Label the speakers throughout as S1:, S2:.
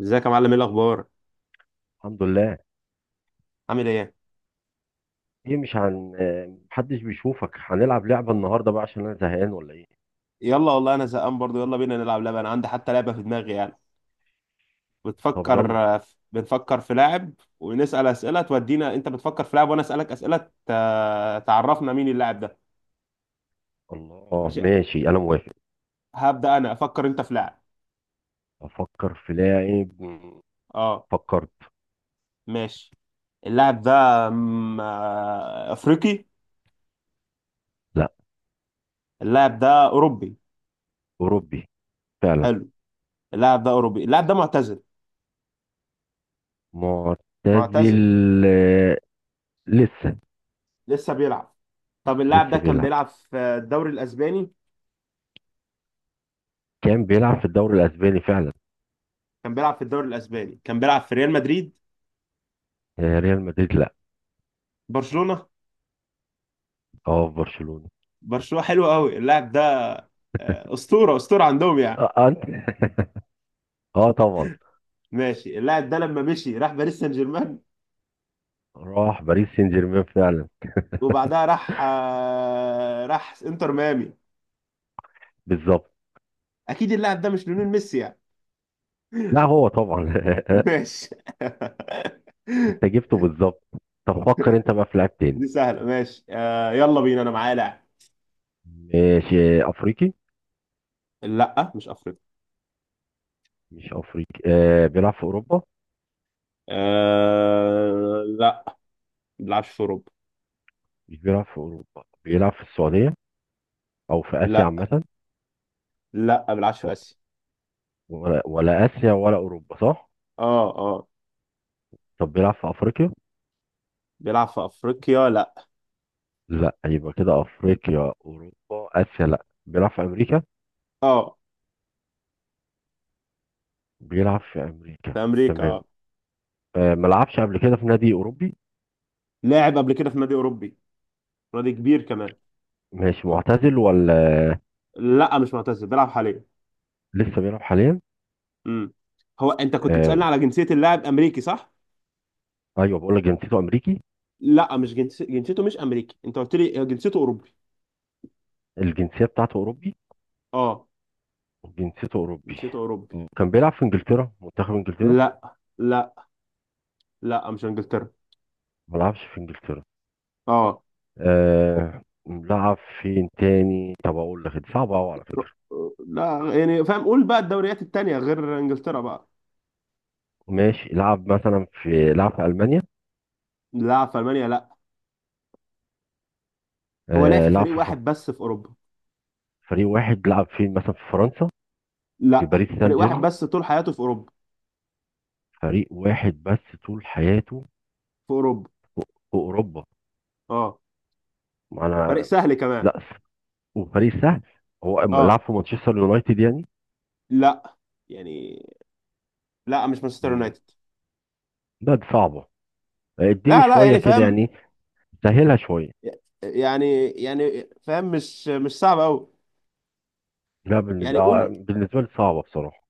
S1: ازيك يا معلم؟ ايه الاخبار؟
S2: الحمد لله.
S1: عامل ايه؟
S2: ايه مش هن آه، محدش بيشوفك، هنلعب لعبة النهاردة بقى عشان انا زهقان ولا ايه؟
S1: يلا والله انا زهقان برضو، يلا بينا نلعب لعبه. انا عندي حتى لعبه في دماغي يعني.
S2: طب
S1: بتفكر
S2: يلا.
S1: بنفكر في لاعب ونسال اسئله تودينا. انت بتفكر في لاعب وانا اسالك اسئله تعرفنا مين اللاعب ده.
S2: الله، اه
S1: ماشي،
S2: ماشي انا موافق.
S1: هبدا انا، افكر انت في لاعب.
S2: افكر في لاعب
S1: اه
S2: فكرت.
S1: ماشي. اللاعب ده افريقي؟
S2: لا.
S1: اللاعب ده اوروبي؟
S2: اوروبي. فعلا.
S1: حلو. اللاعب ده اوروبي، اللاعب ده معتزل؟
S2: معتزل.
S1: معتزل؟
S2: آه، لسه
S1: لسه بيلعب. طب اللاعب ده
S2: لسه
S1: كان
S2: بيلعب.
S1: بيلعب في الدوري الاسباني؟
S2: كان بيلعب في الدوري الاسباني فعلا.
S1: كان بيلعب في الدوري الاسباني، كان بيلعب في ريال مدريد؟
S2: ريال مدريد، لا.
S1: برشلونه؟
S2: اه في برشلونة.
S1: برشلونه، حلو قوي. اللاعب ده اسطوره، اسطوره عندهم يعني.
S2: اه، انت اه طبعا.
S1: ماشي، اللاعب ده لما مشي راح باريس سان جيرمان،
S2: راح باريس سان جيرمان فعلا.
S1: وبعدها راح راح انتر ميامي.
S2: بالظبط.
S1: اكيد اللاعب ده مش ليونيل ميسي يعني.
S2: لا هو طبعا.
S1: ماشي.
S2: انت جبته بالظبط. طب فكر انت بقى في لاعب تاني.
S1: دي سهله، ماشي آه، يلا بينا، انا معايا لاعب.
S2: ماشي، افريقي.
S1: لا مش افريقيا.
S2: مش افريقي، بيلعب في اوروبا.
S1: آه لا، ما بيلعبش في اوروبا.
S2: مش بيلعب في اوروبا، بيلعب في السعوديه، او في اسيا
S1: لا
S2: عامه.
S1: لا، ما بيلعبش في
S2: و-
S1: اسيا.
S2: ولا اسيا ولا اوروبا، صح.
S1: اه اه.
S2: طب بيلعب في افريقيا؟
S1: بيلعب في افريقيا لا.
S2: لا. يبقى كده افريقيا، اوروبا، اسيا لا، بيلعب في امريكا.
S1: اه،
S2: بيلعب في امريكا.
S1: في امريكا
S2: تمام.
S1: اه.
S2: ما لعبش قبل كده في نادي اوروبي.
S1: لاعب قبل كده في نادي اوروبي، نادي كبير كمان.
S2: ماشي، معتزل ولا؟
S1: لا مش معتزل، بيلعب حاليا.
S2: لسه بيلعب حاليا.
S1: امم هو انت كنت بتسالني
S2: آه.
S1: على جنسيه اللاعب؟ امريكي صح؟
S2: ايوه بقول لك جنسيته امريكي.
S1: لا مش جنسيته مش امريكي، انت قلت لي جنسيته اوروبي.
S2: الجنسيه بتاعته اوروبي.
S1: اه
S2: وجنسيته اوروبي.
S1: جنسيته اوروبي.
S2: كان بيلعب في انجلترا، منتخب انجلترا.
S1: لا لا، لا مش انجلترا.
S2: ما لعبش في انجلترا.
S1: اه.
S2: آه لعب. فين تاني؟ طب اقول لك دي صعبه قوي على
S1: ر-
S2: فكره.
S1: لا يعني فاهم، قول بقى الدوريات التانية غير انجلترا بقى.
S2: ماشي، لعب في المانيا.
S1: لا، في المانيا لا. هو لا في
S2: لعب
S1: فريق
S2: في
S1: واحد بس في اوروبا.
S2: فريق واحد، لعب فين مثلا، في فرنسا؟ في
S1: لا،
S2: باريس سان
S1: فريق واحد
S2: جيرمان.
S1: بس طول حياته في اوروبا.
S2: فريق واحد بس طول حياته.
S1: في اوروبا.
S2: في اوروبا.
S1: اه.
S2: ما
S1: فريق
S2: انا.
S1: سهل كمان.
S2: لا، وفريق سهل. هو أما لعب
S1: اه
S2: في مانشستر يونايتد يعني.
S1: لا يعني. لا مش مانشستر
S2: مم.
S1: يونايتد.
S2: لا دي صعبه. اديني
S1: لا لا
S2: شويه
S1: يعني
S2: كده
S1: فاهم.
S2: يعني. سهلها شويه.
S1: يعني يعني فاهم، مش مش صعب قوي.
S2: لا، بالنسبه,
S1: يعني
S2: آه
S1: قول.
S2: بالنسبة لي صعبه بصراحه.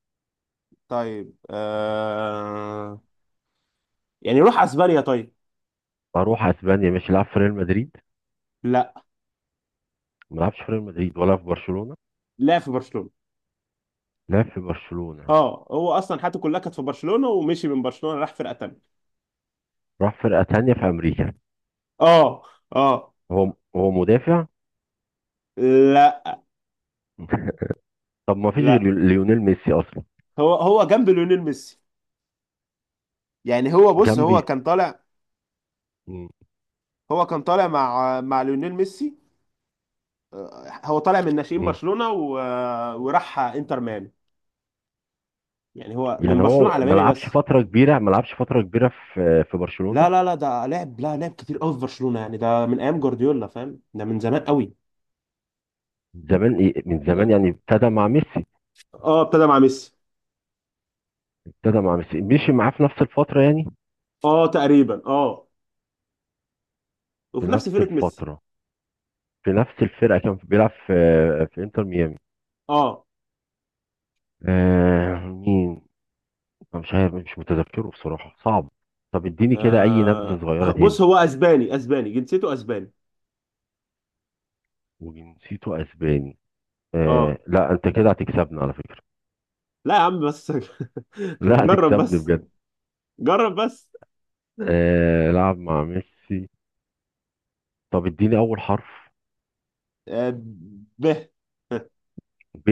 S1: طيب آه، يعني روح اسبانيا طيب.
S2: اروح اسبانيا، ماشي، لعب في ريال مدريد.
S1: لا.
S2: ما لعبش في ريال مدريد ولا في برشلونة.
S1: لا، في برشلونة.
S2: لعب في برشلونة.
S1: اه، هو اصلا حياته كلها كانت في برشلونة، ومشي من برشلونة راح فرقة تانية.
S2: راح فرقة تانية في أمريكا.
S1: اه. اه.
S2: هو مدافع.
S1: لا.
S2: طب ما فيش غير
S1: لا،
S2: ليونيل ميسي أصلا.
S1: هو هو جنب ليونيل ميسي يعني. هو، بص،
S2: جنبي. مم.
S1: هو كان طالع مع ليونيل ميسي. هو طالع من ناشئين
S2: مم.
S1: برشلونة وراح انتر ميامي. يعني هو من
S2: يعني
S1: برشلونة
S2: هو
S1: على ميامي بس.
S2: ما لعبش فترة كبيرة في برشلونة.
S1: لا لا لا، ده لعب، لا لعب كتير قوي في برشلونة، يعني ده من ايام جوارديولا فاهم، ده من زمان قوي.
S2: زمان إيه، من زمان يعني، ابتدى مع ميسي.
S1: اه ابتدى مع ميسي.
S2: ابتدى مع ميسي، مشي معاه في نفس الفترة يعني.
S1: اه تقريبا اه.
S2: في
S1: وفي نفس
S2: نفس
S1: فرقة ميسي.
S2: الفترة. في نفس الفرقة كان بيلعب في، في انتر ميامي.
S1: اه.
S2: مين؟ أنا مش عارف، مش متذكره بصراحة، صعب. طب اديني كده أي نبذة
S1: آه،
S2: صغيرة
S1: بص،
S2: تاني.
S1: هو اسباني، اسباني، جنسيته اسباني.
S2: وجنسيته اسباني.
S1: اه
S2: لا، انت كده هتكسبني على فكرة.
S1: لا يا عم بس.
S2: لا
S1: جرب
S2: هتكسبني
S1: بس.
S2: بجد.
S1: جرب بس.
S2: لعب مع ميسي. طب اديني اول حرف.
S1: آه، به.
S2: ب.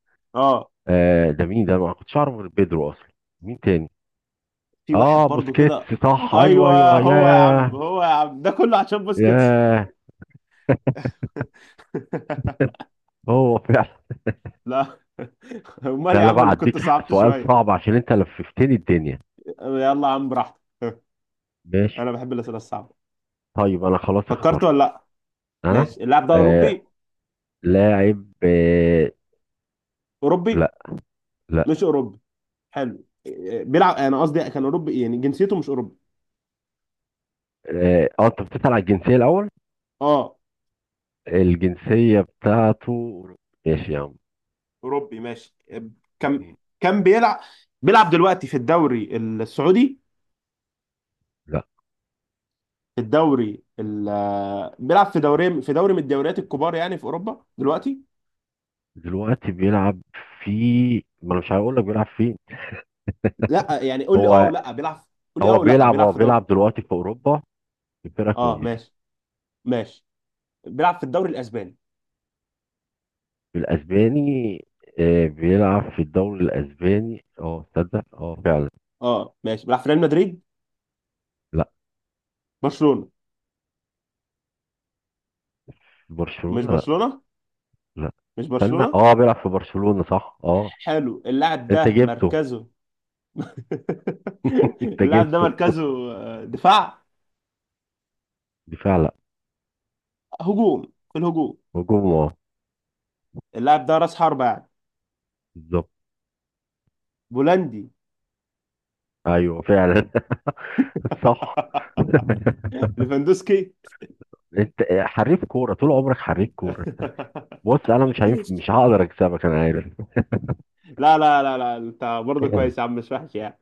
S1: اه
S2: ده مين ده؟ أنا ما كنتش اعرف غير بيدرو اصلا. مين تاني؟
S1: في واحد
S2: اه،
S1: برضو كده.
S2: بوسكيتس، صح، ايوه
S1: ايوه
S2: ايوه،
S1: هو يا عم،
S2: ياه.
S1: هو يا عم، ده كله عشان بوسكيتس.
S2: ياه. هو فعلا.
S1: لا. امال
S2: ده
S1: يا
S2: انا
S1: عم
S2: بقى
S1: لو كنت
S2: اديك
S1: صعبت
S2: سؤال
S1: شويه.
S2: صعب، عشان انت لففتني الدنيا.
S1: يلا يا عم براحتك.
S2: ماشي.
S1: انا بحب الاسئله الصعبه.
S2: طيب انا خلاص
S1: فكرت
S2: اخترت.
S1: ولا لا؟
S2: انا.
S1: ماشي، اللاعب ده
S2: آه
S1: اوروبي؟
S2: لاعب، آه
S1: اوروبي؟
S2: لا. لا.
S1: مش اوروبي؟ حلو، إيه، بيلعب، انا قصدي كان اوروبي يعني، جنسيته مش اوروبي.
S2: اه، انت بتسأل على الجنسية الاول؟
S1: اه
S2: الجنسية بتاعته أوروبي. ماشي يا عم.
S1: اوروبي ماشي، إيه، كان
S2: مم.
S1: كان بيلعب، بيلعب دلوقتي في الدوري السعودي؟
S2: لا.
S1: في الدوري ال... آه، بيلعب في دوري، في دوري من الدوريات الكبار يعني في اوروبا دلوقتي؟
S2: دلوقتي بيلعب في، ما أنا مش هقول لك بيلعب فين.
S1: لا يعني قول لي اه
S2: هو،
S1: ولا بيلعب. قول لي اه
S2: هو
S1: ولا
S2: بيلعب
S1: بيلعب
S2: هو
S1: في دوري.
S2: بيلعب دلوقتي في أوروبا، في فرقة
S1: اه
S2: كويسة.
S1: ماشي. ماشي، بيلعب في الدوري الاسباني.
S2: الأسباني. بيلعب في الدوري الأسباني، اه، تصدق، اه، فعلا.
S1: اه ماشي، بيلعب في ريال مدريد؟
S2: لا
S1: برشلونة؟
S2: في
S1: مش
S2: برشلونة، لا
S1: برشلونة؟
S2: لا.
S1: مش
S2: استنى،
S1: برشلونة؟
S2: اه، بيلعب في برشلونة، صح، اه.
S1: حلو، اللاعب ده
S2: انت جبته.
S1: مركزه؟
S2: انت
S1: اللاعب ده
S2: جبته.
S1: مركزه آه، دفاع؟
S2: دفاع، لا.
S1: هجوم، في الهجوم.
S2: هجوم، اه.
S1: اللاعب ده راس حربة يعني.
S2: بالظبط.
S1: بولندي.
S2: ايوه فعلا. صح.
S1: ليفاندوسكي.
S2: انت حريف كوره، طول عمرك حريف كوره. بص انا مش مش هقدر اكسبك، انا عارف.
S1: لا لا لا، لا انت برضه كويس يا عم، مش وحش يعني.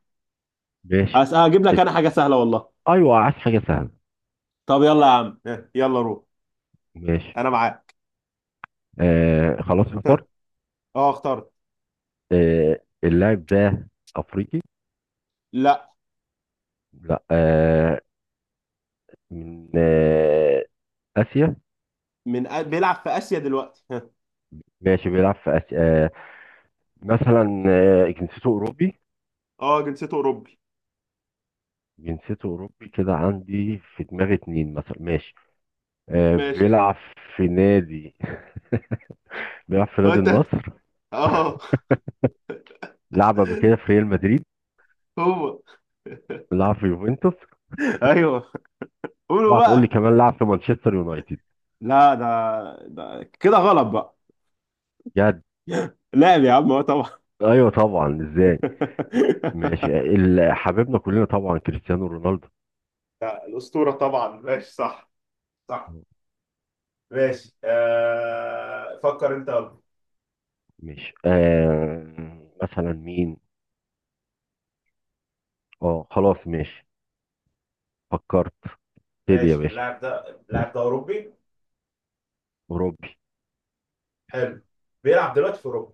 S2: ماشي.
S1: هجيب لك انا
S2: اسم.
S1: حاجة سهلة والله.
S2: ايوه، عايز حاجه سهله.
S1: طب يلا يا عم، يلا روح،
S2: ماشي.
S1: انا معاك.
S2: خلاص اخترت.
S1: اه اخترت.
S2: اللاعب ده افريقي؟
S1: لا،
S2: لا. من اسيا.
S1: من بيلعب في اسيا دلوقتي؟
S2: ماشي، بيلعب في اسيا. آه. مثلا جنسيته اوروبي.
S1: اه جنسيته اوروبي.
S2: جنسيته اوروبي، كده عندي في دماغي اتنين مثلا، ماشي.
S1: ماشي.
S2: بيلعب في نادي، بيلعب في
S1: هو
S2: نادي
S1: انت هت-
S2: النصر.
S1: اه.
S2: لعب قبل كده في ريال مدريد.
S1: هو
S2: لعب في يوفنتوس.
S1: ايوه، قولوا
S2: اوعى تقول لي
S1: بقى.
S2: كمان لعب في مانشستر يونايتد.
S1: لا ده، ده كده غلط بقى.
S2: بجد.
S1: لاعب يا عم، هو طبعا.
S2: ايوه طبعا، ازاي. مش حبيبنا كلنا طبعا، كريستيانو رونالدو.
S1: لا، الأسطورة طبعا، ماشي صح. صح. ماشي آه، فكر انت يلا.
S2: مش مثلا مين. اه، خلاص، ماشي. فكرت. ابتدي يا
S1: ماشي،
S2: باشا.
S1: اللاعب ده، اللاعب ده اوروبي؟
S2: اوروبي.
S1: حلو. بيلعب دلوقتي في اوروبا؟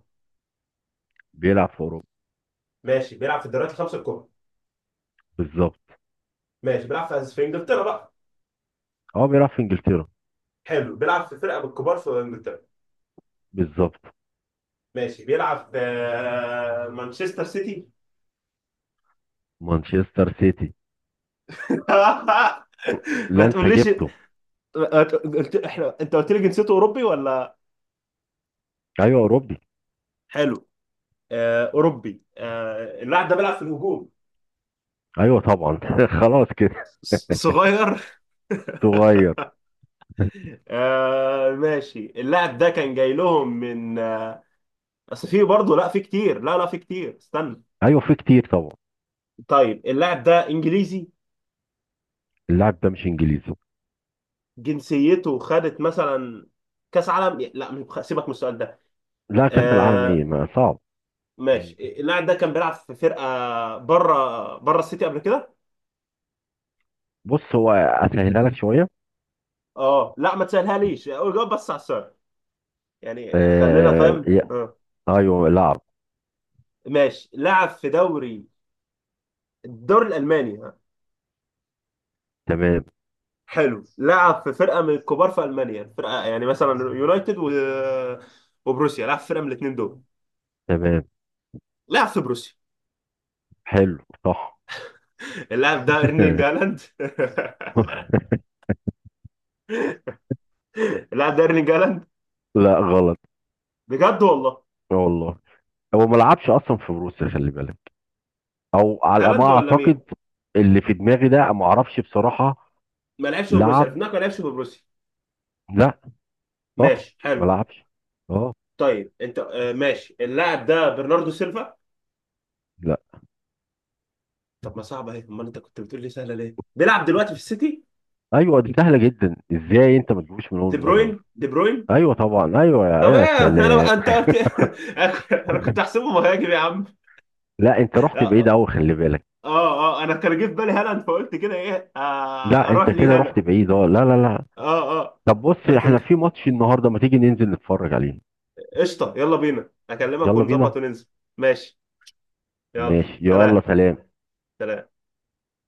S2: بيلعب في اوروبا.
S1: ماشي، بيلعب في الدوريات الخمسه الكبرى؟
S2: بالظبط.
S1: ماشي، بيلعب في في انجلترا بقى؟
S2: اه بيلعب في انجلترا.
S1: حلو، بيلعب في فرقه بالكبار في انجلترا؟
S2: بالظبط.
S1: ماشي، بيلعب في مانشستر سيتي.
S2: مانشستر سيتي.
S1: ما
S2: لا انت
S1: تقوليش.
S2: جبته.
S1: ما ت- قلت، احنا انت قلت لي جنسيته اوروبي ولا؟
S2: ايوه اوروبي.
S1: حلو. آه، اوروبي، آه، اللاعب ده بيلعب في الهجوم.
S2: ايوه طبعا، خلاص كده.
S1: صغير.
S2: تغير.
S1: آه، ماشي، اللاعب ده كان جاي لهم من آه، اصل في برضه، لا في كتير، لا لا في كتير استنى.
S2: ايوه في كتير طبعا.
S1: طيب اللاعب ده انجليزي؟
S2: اللاعب ده مش انجليزي.
S1: جنسيته خدت مثلا كاس عالم؟ لا سيبك من السؤال ده.
S2: لا كاس العالم ايه،
S1: آه،
S2: ما صعب.
S1: ماشي، اللاعب ده كان بيلعب في فرقة بره، بره السيتي قبل كده.
S2: بص هو اسهلها لك شويه.
S1: اه لا ما تسالهاليش، اقول جاوب بس على السؤال. يعني خلينا
S2: آه...
S1: فاهم
S2: يا-
S1: اه.
S2: ايوه لعب.
S1: ماشي، لعب في دوري، الدوري الالماني ها.
S2: تمام.
S1: حلو، لعب في فرقه من الكبار في المانيا، فرقه يعني مثلا يونايتد وبروسيا، لعب في فرقه من الاثنين دول.
S2: تمام.
S1: لعب في بروسيا.
S2: حلو. صح.
S1: اللاعب ده ايرلينج هالاند. اللاعب ده ايرلينج هالاند.
S2: لا غلط.
S1: بجد والله.
S2: آه والله. هو ما لعبش اصلا في بروسيا، خلي بالك، او على ما
S1: هالاند ولا مين؟
S2: اعتقد. اللي في دماغي ده ما اعرفش بصراحه.
S1: ما لعبش في بروسيا
S2: لعب.
S1: الفنان، ما لعبش في بروسيا.
S2: لا. صح.
S1: ماشي
S2: ما
S1: حلو.
S2: لعبش. اه.
S1: طيب انت آه، ماشي، اللاعب ده برناردو سيلفا.
S2: لا.
S1: طب ما صعبه اهي، امال انت كنت بتقول لي سهله ليه؟ بيلعب دلوقتي في السيتي.
S2: ايوه دي سهله جدا، ازاي انت ما تجيبوش من اول
S1: دي بروين،
S2: مره أصلاً؟
S1: دي بروين.
S2: ايوه طبعا، ايوه، يا
S1: طب
S2: يا
S1: ايه
S2: سلام.
S1: انا، انت قلت إيه؟ انا كنت احسبه مهاجم يا عم.
S2: لا انت
S1: اه
S2: رحت بعيد
S1: اه.
S2: قوي خلي بالك.
S1: آه، آه، انا كان جه في بالي هالاند، فقلت كده ايه آه
S2: لا
S1: اروح
S2: انت
S1: ليه
S2: كده رحت
S1: هالاند.
S2: بعيد، اه لا لا لا.
S1: اه اه.
S2: طب بص
S1: انا كان،
S2: احنا في ماتش النهارده، ما تيجي ننزل نتفرج عليه.
S1: قشطه يلا بينا، اكلمك
S2: يلا بينا.
S1: ونظبط وننزل. ماشي. يلا
S2: ماشي يلا
S1: سلام.
S2: سلام.
S1: سلام.